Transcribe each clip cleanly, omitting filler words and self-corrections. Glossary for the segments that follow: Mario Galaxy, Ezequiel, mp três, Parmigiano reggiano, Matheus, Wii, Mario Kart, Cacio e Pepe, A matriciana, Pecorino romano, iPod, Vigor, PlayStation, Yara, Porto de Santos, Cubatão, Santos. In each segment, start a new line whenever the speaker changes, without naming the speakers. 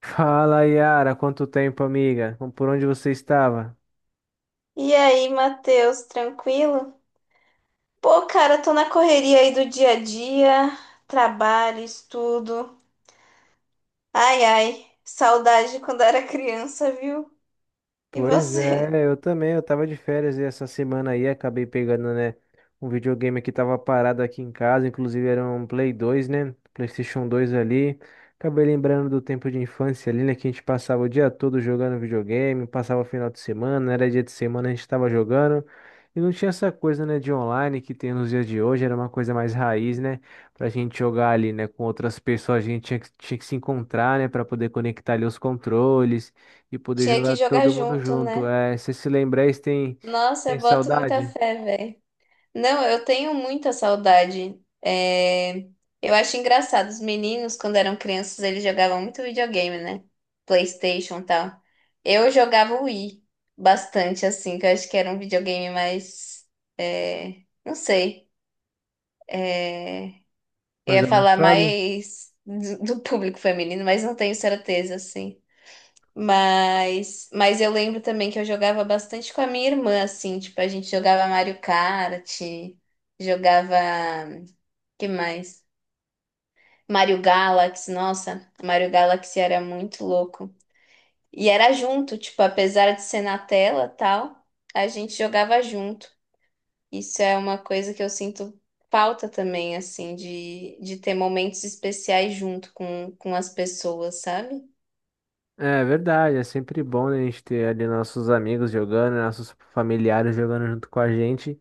Fala, Yara, quanto tempo, amiga? Por onde você estava?
E aí, Matheus, tranquilo? Pô, cara, tô na correria aí do dia a dia, trabalho, estudo. Ai, ai, saudade de quando era criança, viu? E
Pois
você?
é, eu também, eu tava de férias e essa semana aí acabei pegando, né, um videogame que tava parado aqui em casa, inclusive era um Play 2 né, PlayStation dois ali. Acabei lembrando do tempo de infância ali, né, que a gente passava o dia todo jogando videogame, passava o final de semana, era dia de semana, a gente tava jogando. E não tinha essa coisa, né, de online que tem nos dias de hoje, era uma coisa mais raiz, né, pra gente jogar ali, né, com outras pessoas, a gente tinha que se encontrar, né, pra poder conectar ali os controles e poder
Tinha que
jogar
jogar
todo mundo
junto,
junto.
né?
É, se se lembrar, isso tem,
Nossa,
tem
eu boto muita
saudade
fé, velho. Não, eu tenho muita saudade. É, eu acho engraçado. Os meninos, quando eram crianças, eles jogavam muito videogame, né? PlayStation e tal. Eu jogava o Wii bastante, assim, que eu acho que era um videogame mais. Não sei. é, Eu
mais
ia falar
avançado?
mais do público feminino, mas não tenho certeza, assim. Mas eu lembro também que eu jogava bastante com a minha irmã, assim, tipo, a gente jogava Mario Kart, jogava, que mais? Mario Galaxy, nossa, Mario Galaxy era muito louco. E era junto, tipo, apesar de ser na tela, tal, a gente jogava junto. Isso é uma coisa que eu sinto falta também, assim, de ter momentos especiais junto com as pessoas, sabe?
É verdade, é sempre bom né, a gente ter ali nossos amigos jogando, nossos familiares jogando junto com a gente.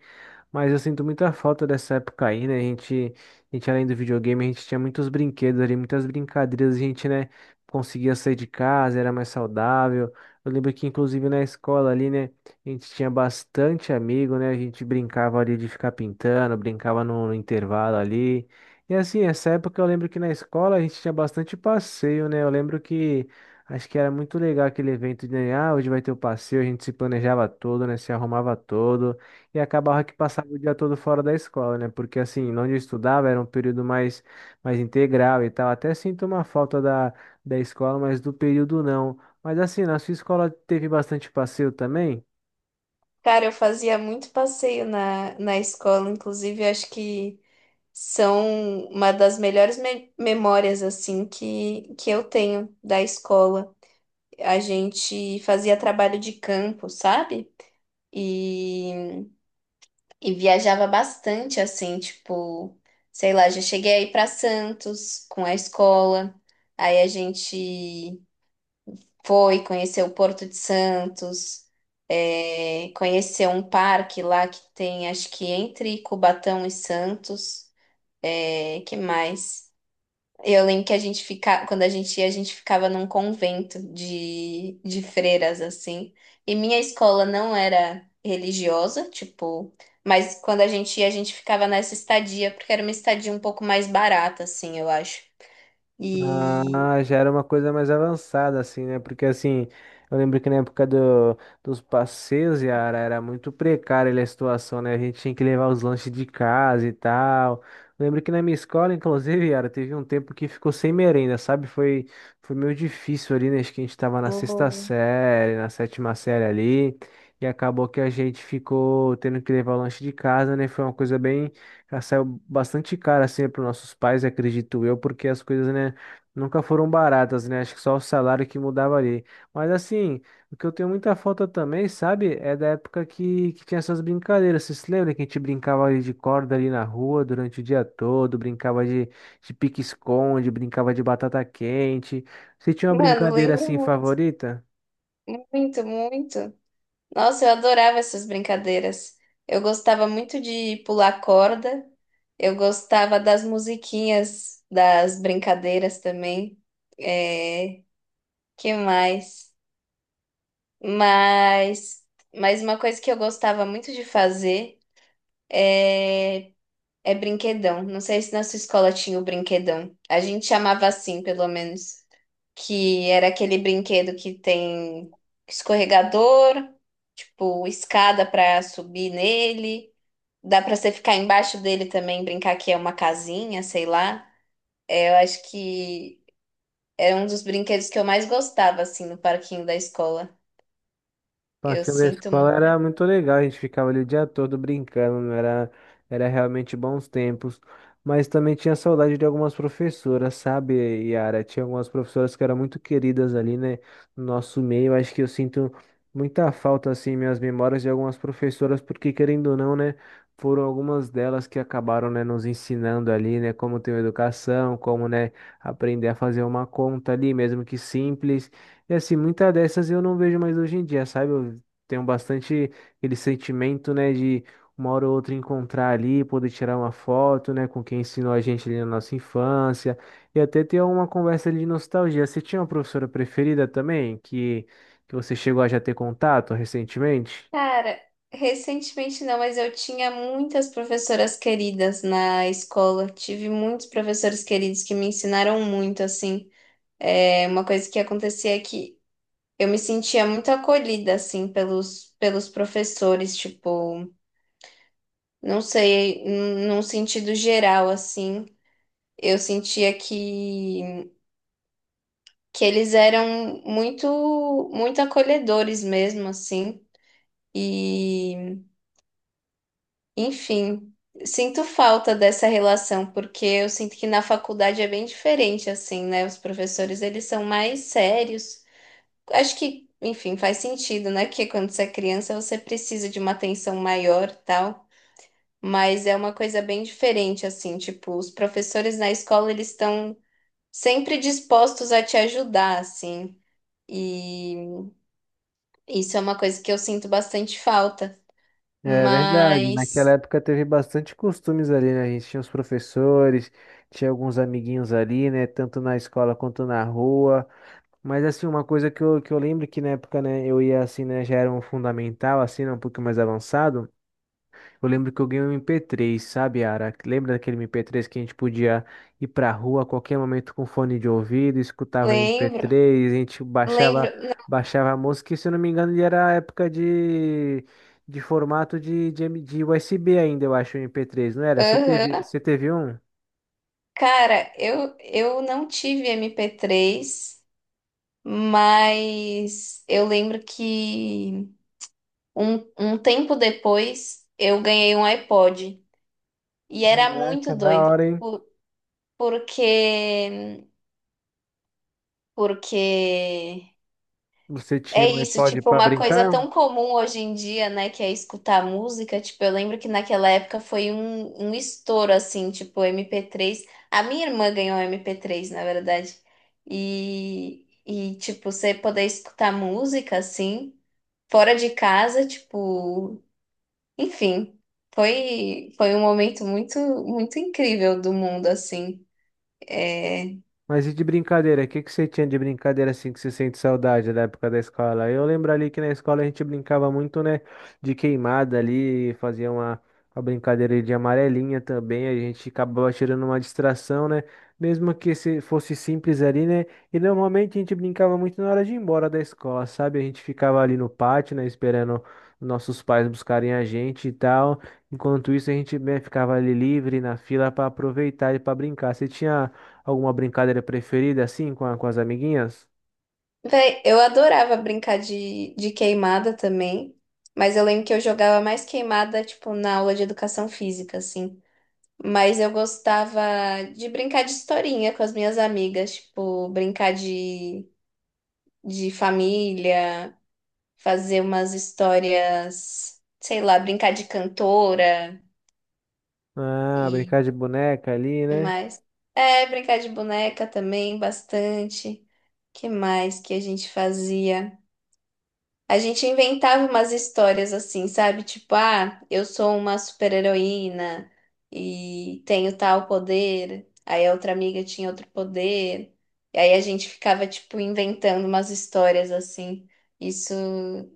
Mas eu sinto muita falta dessa época aí, né? A gente, além do videogame, a gente tinha muitos brinquedos ali, muitas brincadeiras, a gente, né, conseguia sair de casa, era mais saudável. Eu lembro que, inclusive, na escola ali, né, a gente tinha bastante amigo, né? A gente brincava ali de ficar pintando, brincava no intervalo ali. E assim, essa época eu lembro que na escola a gente tinha bastante passeio, né? Eu lembro que acho que era muito legal aquele evento de, né, ah, hoje vai ter o passeio, a gente se planejava todo, né? Se arrumava todo e acabava que passava o dia todo fora da escola, né? Porque assim, onde eu estudava era um período mais integral e tal. Até sinto uma falta da escola, mas do período não. Mas assim, na sua escola teve bastante passeio também?
Cara, eu fazia muito passeio na escola, inclusive eu acho que são uma das melhores memórias assim que eu tenho da escola. A gente fazia trabalho de campo, sabe? E, e viajava bastante assim, tipo, sei lá, já cheguei aí para Santos com a escola. Aí a gente foi, conheceu o Porto de Santos, é, conheceu um parque lá que tem, acho que entre Cubatão e Santos. É, que mais? Eu lembro que a gente ficava, quando a gente ia, a gente ficava num convento de freiras, assim. E minha escola não era religiosa, tipo, mas quando a gente ia, a gente ficava nessa estadia, porque era uma estadia um pouco mais barata, assim, eu acho. E,
Ah, já era uma coisa mais avançada, assim, né? Porque, assim, eu lembro que na época dos passeios, Yara, era muito precária ali a situação, né? A gente tinha que levar os lanches de casa e tal. Lembro que na minha escola, inclusive, Yara, teve um tempo que ficou sem merenda, sabe? Foi meio difícil ali, né? Acho que a gente tava na sexta
oh.
série, na sétima série ali. E acabou que a gente ficou tendo que levar o lanche de casa, né? Foi uma coisa bem. Já saiu bastante cara assim para nossos pais, acredito eu, porque as coisas, né? Nunca foram baratas, né? Acho que só o salário que mudava ali. Mas assim, o que eu tenho muita falta também, sabe? É da época que tinha essas brincadeiras. Vocês se lembram que a gente brincava ali de corda ali na rua durante o dia todo? Brincava de pique-esconde, brincava de batata quente. Você tinha uma
Mano,
brincadeira
lembro
assim
muito.
favorita?
Muito, muito. Nossa, eu adorava essas brincadeiras. Eu gostava muito de pular corda. Eu gostava das musiquinhas das brincadeiras também. É, que mais? Mas, mas uma coisa que eu gostava muito de fazer é, é brinquedão. Não sei se na sua escola tinha o brinquedão. A gente chamava assim, pelo menos, que era aquele brinquedo que tem escorregador, tipo escada para subir nele. Dá para você ficar embaixo dele também, brincar que é uma casinha, sei lá. É, eu acho que era um dos brinquedos que eu mais gostava assim no parquinho da escola. Eu
Parque da
sinto
escola
muito.
era muito legal, a gente ficava ali o dia todo brincando, né? Era, era realmente bons tempos. Mas também tinha saudade de algumas professoras, sabe, Yara? Tinha algumas professoras que eram muito queridas ali, né, no nosso meio. Acho que eu sinto muita falta, assim, em minhas memórias de algumas professoras, porque querendo ou não, né, foram algumas delas que acabaram, né, nos ensinando ali, né, como ter uma educação, como, né, aprender a fazer uma conta ali, mesmo que simples. E assim, muitas dessas eu não vejo mais hoje em dia, sabe? Eu tenho bastante aquele sentimento, né, de uma hora ou outra encontrar ali, poder tirar uma foto, né, com quem ensinou a gente ali na nossa infância, e até ter uma conversa ali de nostalgia. Você tinha uma professora preferida também, que você chegou a já ter contato recentemente?
Cara, recentemente não, mas eu tinha muitas professoras queridas na escola. Tive muitos professores queridos que me ensinaram muito assim. É, uma coisa que acontecia é que eu me sentia muito acolhida, assim, pelos professores, tipo, não sei, num sentido geral, assim, eu sentia que eles eram muito, muito acolhedores mesmo, assim, e, enfim, sinto falta dessa relação, porque eu sinto que na faculdade é bem diferente, assim, né? Os professores, eles são mais sérios. Acho que, enfim, faz sentido, né? Que quando você é criança, você precisa de uma atenção maior, tal. Mas é uma coisa bem diferente, assim, tipo, os professores na escola, eles estão sempre dispostos a te ajudar, assim, e isso é uma coisa que eu sinto bastante falta,
É verdade, naquela
mas
época teve bastante costumes ali, né? A gente tinha os professores, tinha alguns amiguinhos ali, né? Tanto na escola quanto na rua. Mas assim, uma coisa que eu lembro que na época, né, eu ia assim, né, já era um fundamental, assim, né, um pouquinho mais avançado. Eu lembro que eu ganhei um MP3, sabe, Ara? Lembra daquele MP3 que a gente podia ir pra rua a qualquer momento com fone de ouvido, escutava o
lembro,
MP3, a gente baixava,
lembro,
baixava a música, e se eu não me engano, ele era a época de formato de USB ainda, eu acho, o MP3, não era? Você teve,
aham.
você teve um?
Cara, eu não tive MP3, mas eu lembro que um tempo depois eu ganhei um iPod, e era
Caraca,
muito
da
doido,
hora, hein?
por- porque porque
Você
é
tinha um
isso,
iPod
tipo,
pra
uma coisa
brincar?
tão comum hoje em dia, né, que é escutar música. Tipo, eu lembro que naquela época foi um estouro, assim, tipo, MP3. A minha irmã ganhou MP3 na verdade. E, tipo, você poder escutar música, assim, fora de casa, tipo, enfim. Foi, foi um momento muito, muito incrível do mundo, assim. É,
Mas e de brincadeira? O que que você tinha de brincadeira assim que você sente saudade da época da escola? Eu lembro ali que na escola a gente brincava muito, né? De queimada ali, fazia uma brincadeira de amarelinha também. A gente acabava tirando uma distração, né? Mesmo que se fosse simples ali, né? E normalmente a gente brincava muito na hora de ir embora da escola, sabe? A gente ficava ali no pátio, né? Esperando nossos pais buscarem a gente e tal. Enquanto isso, a gente, né, ficava ali livre na fila para aproveitar e para brincar. Você tinha. Alguma brincadeira preferida assim com, com as amiguinhas?
véi, eu adorava brincar de queimada também, mas eu lembro que eu jogava mais queimada, tipo, na aula de educação física, assim. Mas eu gostava de brincar de historinha com as minhas amigas, tipo, brincar de família, fazer umas histórias, sei lá, brincar de cantora
Ah,
e
brincar de boneca ali, né?
mais. É, brincar de boneca também, bastante. Que mais que a gente fazia? A gente inventava umas histórias assim, sabe? Tipo, ah, eu sou uma super-heroína e tenho tal poder. Aí a outra amiga tinha outro poder. E aí a gente ficava, tipo, inventando umas histórias assim. Isso,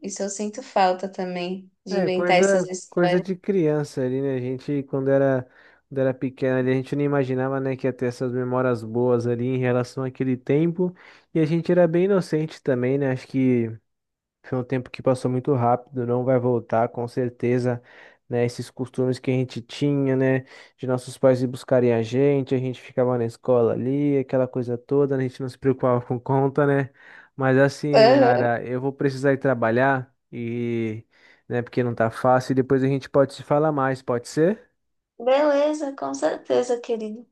isso eu sinto falta também, de
É,
inventar essas
coisa
histórias.
de criança ali, né? A gente, quando era pequena ali, a gente não imaginava, né, que ia ter essas memórias boas ali em relação àquele tempo. E a gente era bem inocente também, né? Acho que foi um tempo que passou muito rápido, não vai voltar, com certeza, né? Esses costumes que a gente tinha, né? De nossos pais ir buscarem a gente ficava na escola ali, aquela coisa toda, né, a gente não se preocupava com conta, né? Mas assim,
Aham.
Ara, eu vou precisar ir trabalhar e, né, porque não tá fácil, e depois a gente pode se falar mais, pode ser?
Beleza, com certeza, querido.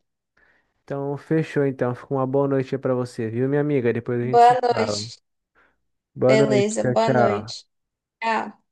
Então, fechou então. Fica uma boa noite aí pra você, viu, minha amiga? Depois a gente
Boa
se fala.
noite.
Boa noite,
Beleza,
tchau,
boa
tchau.
noite. Tchau.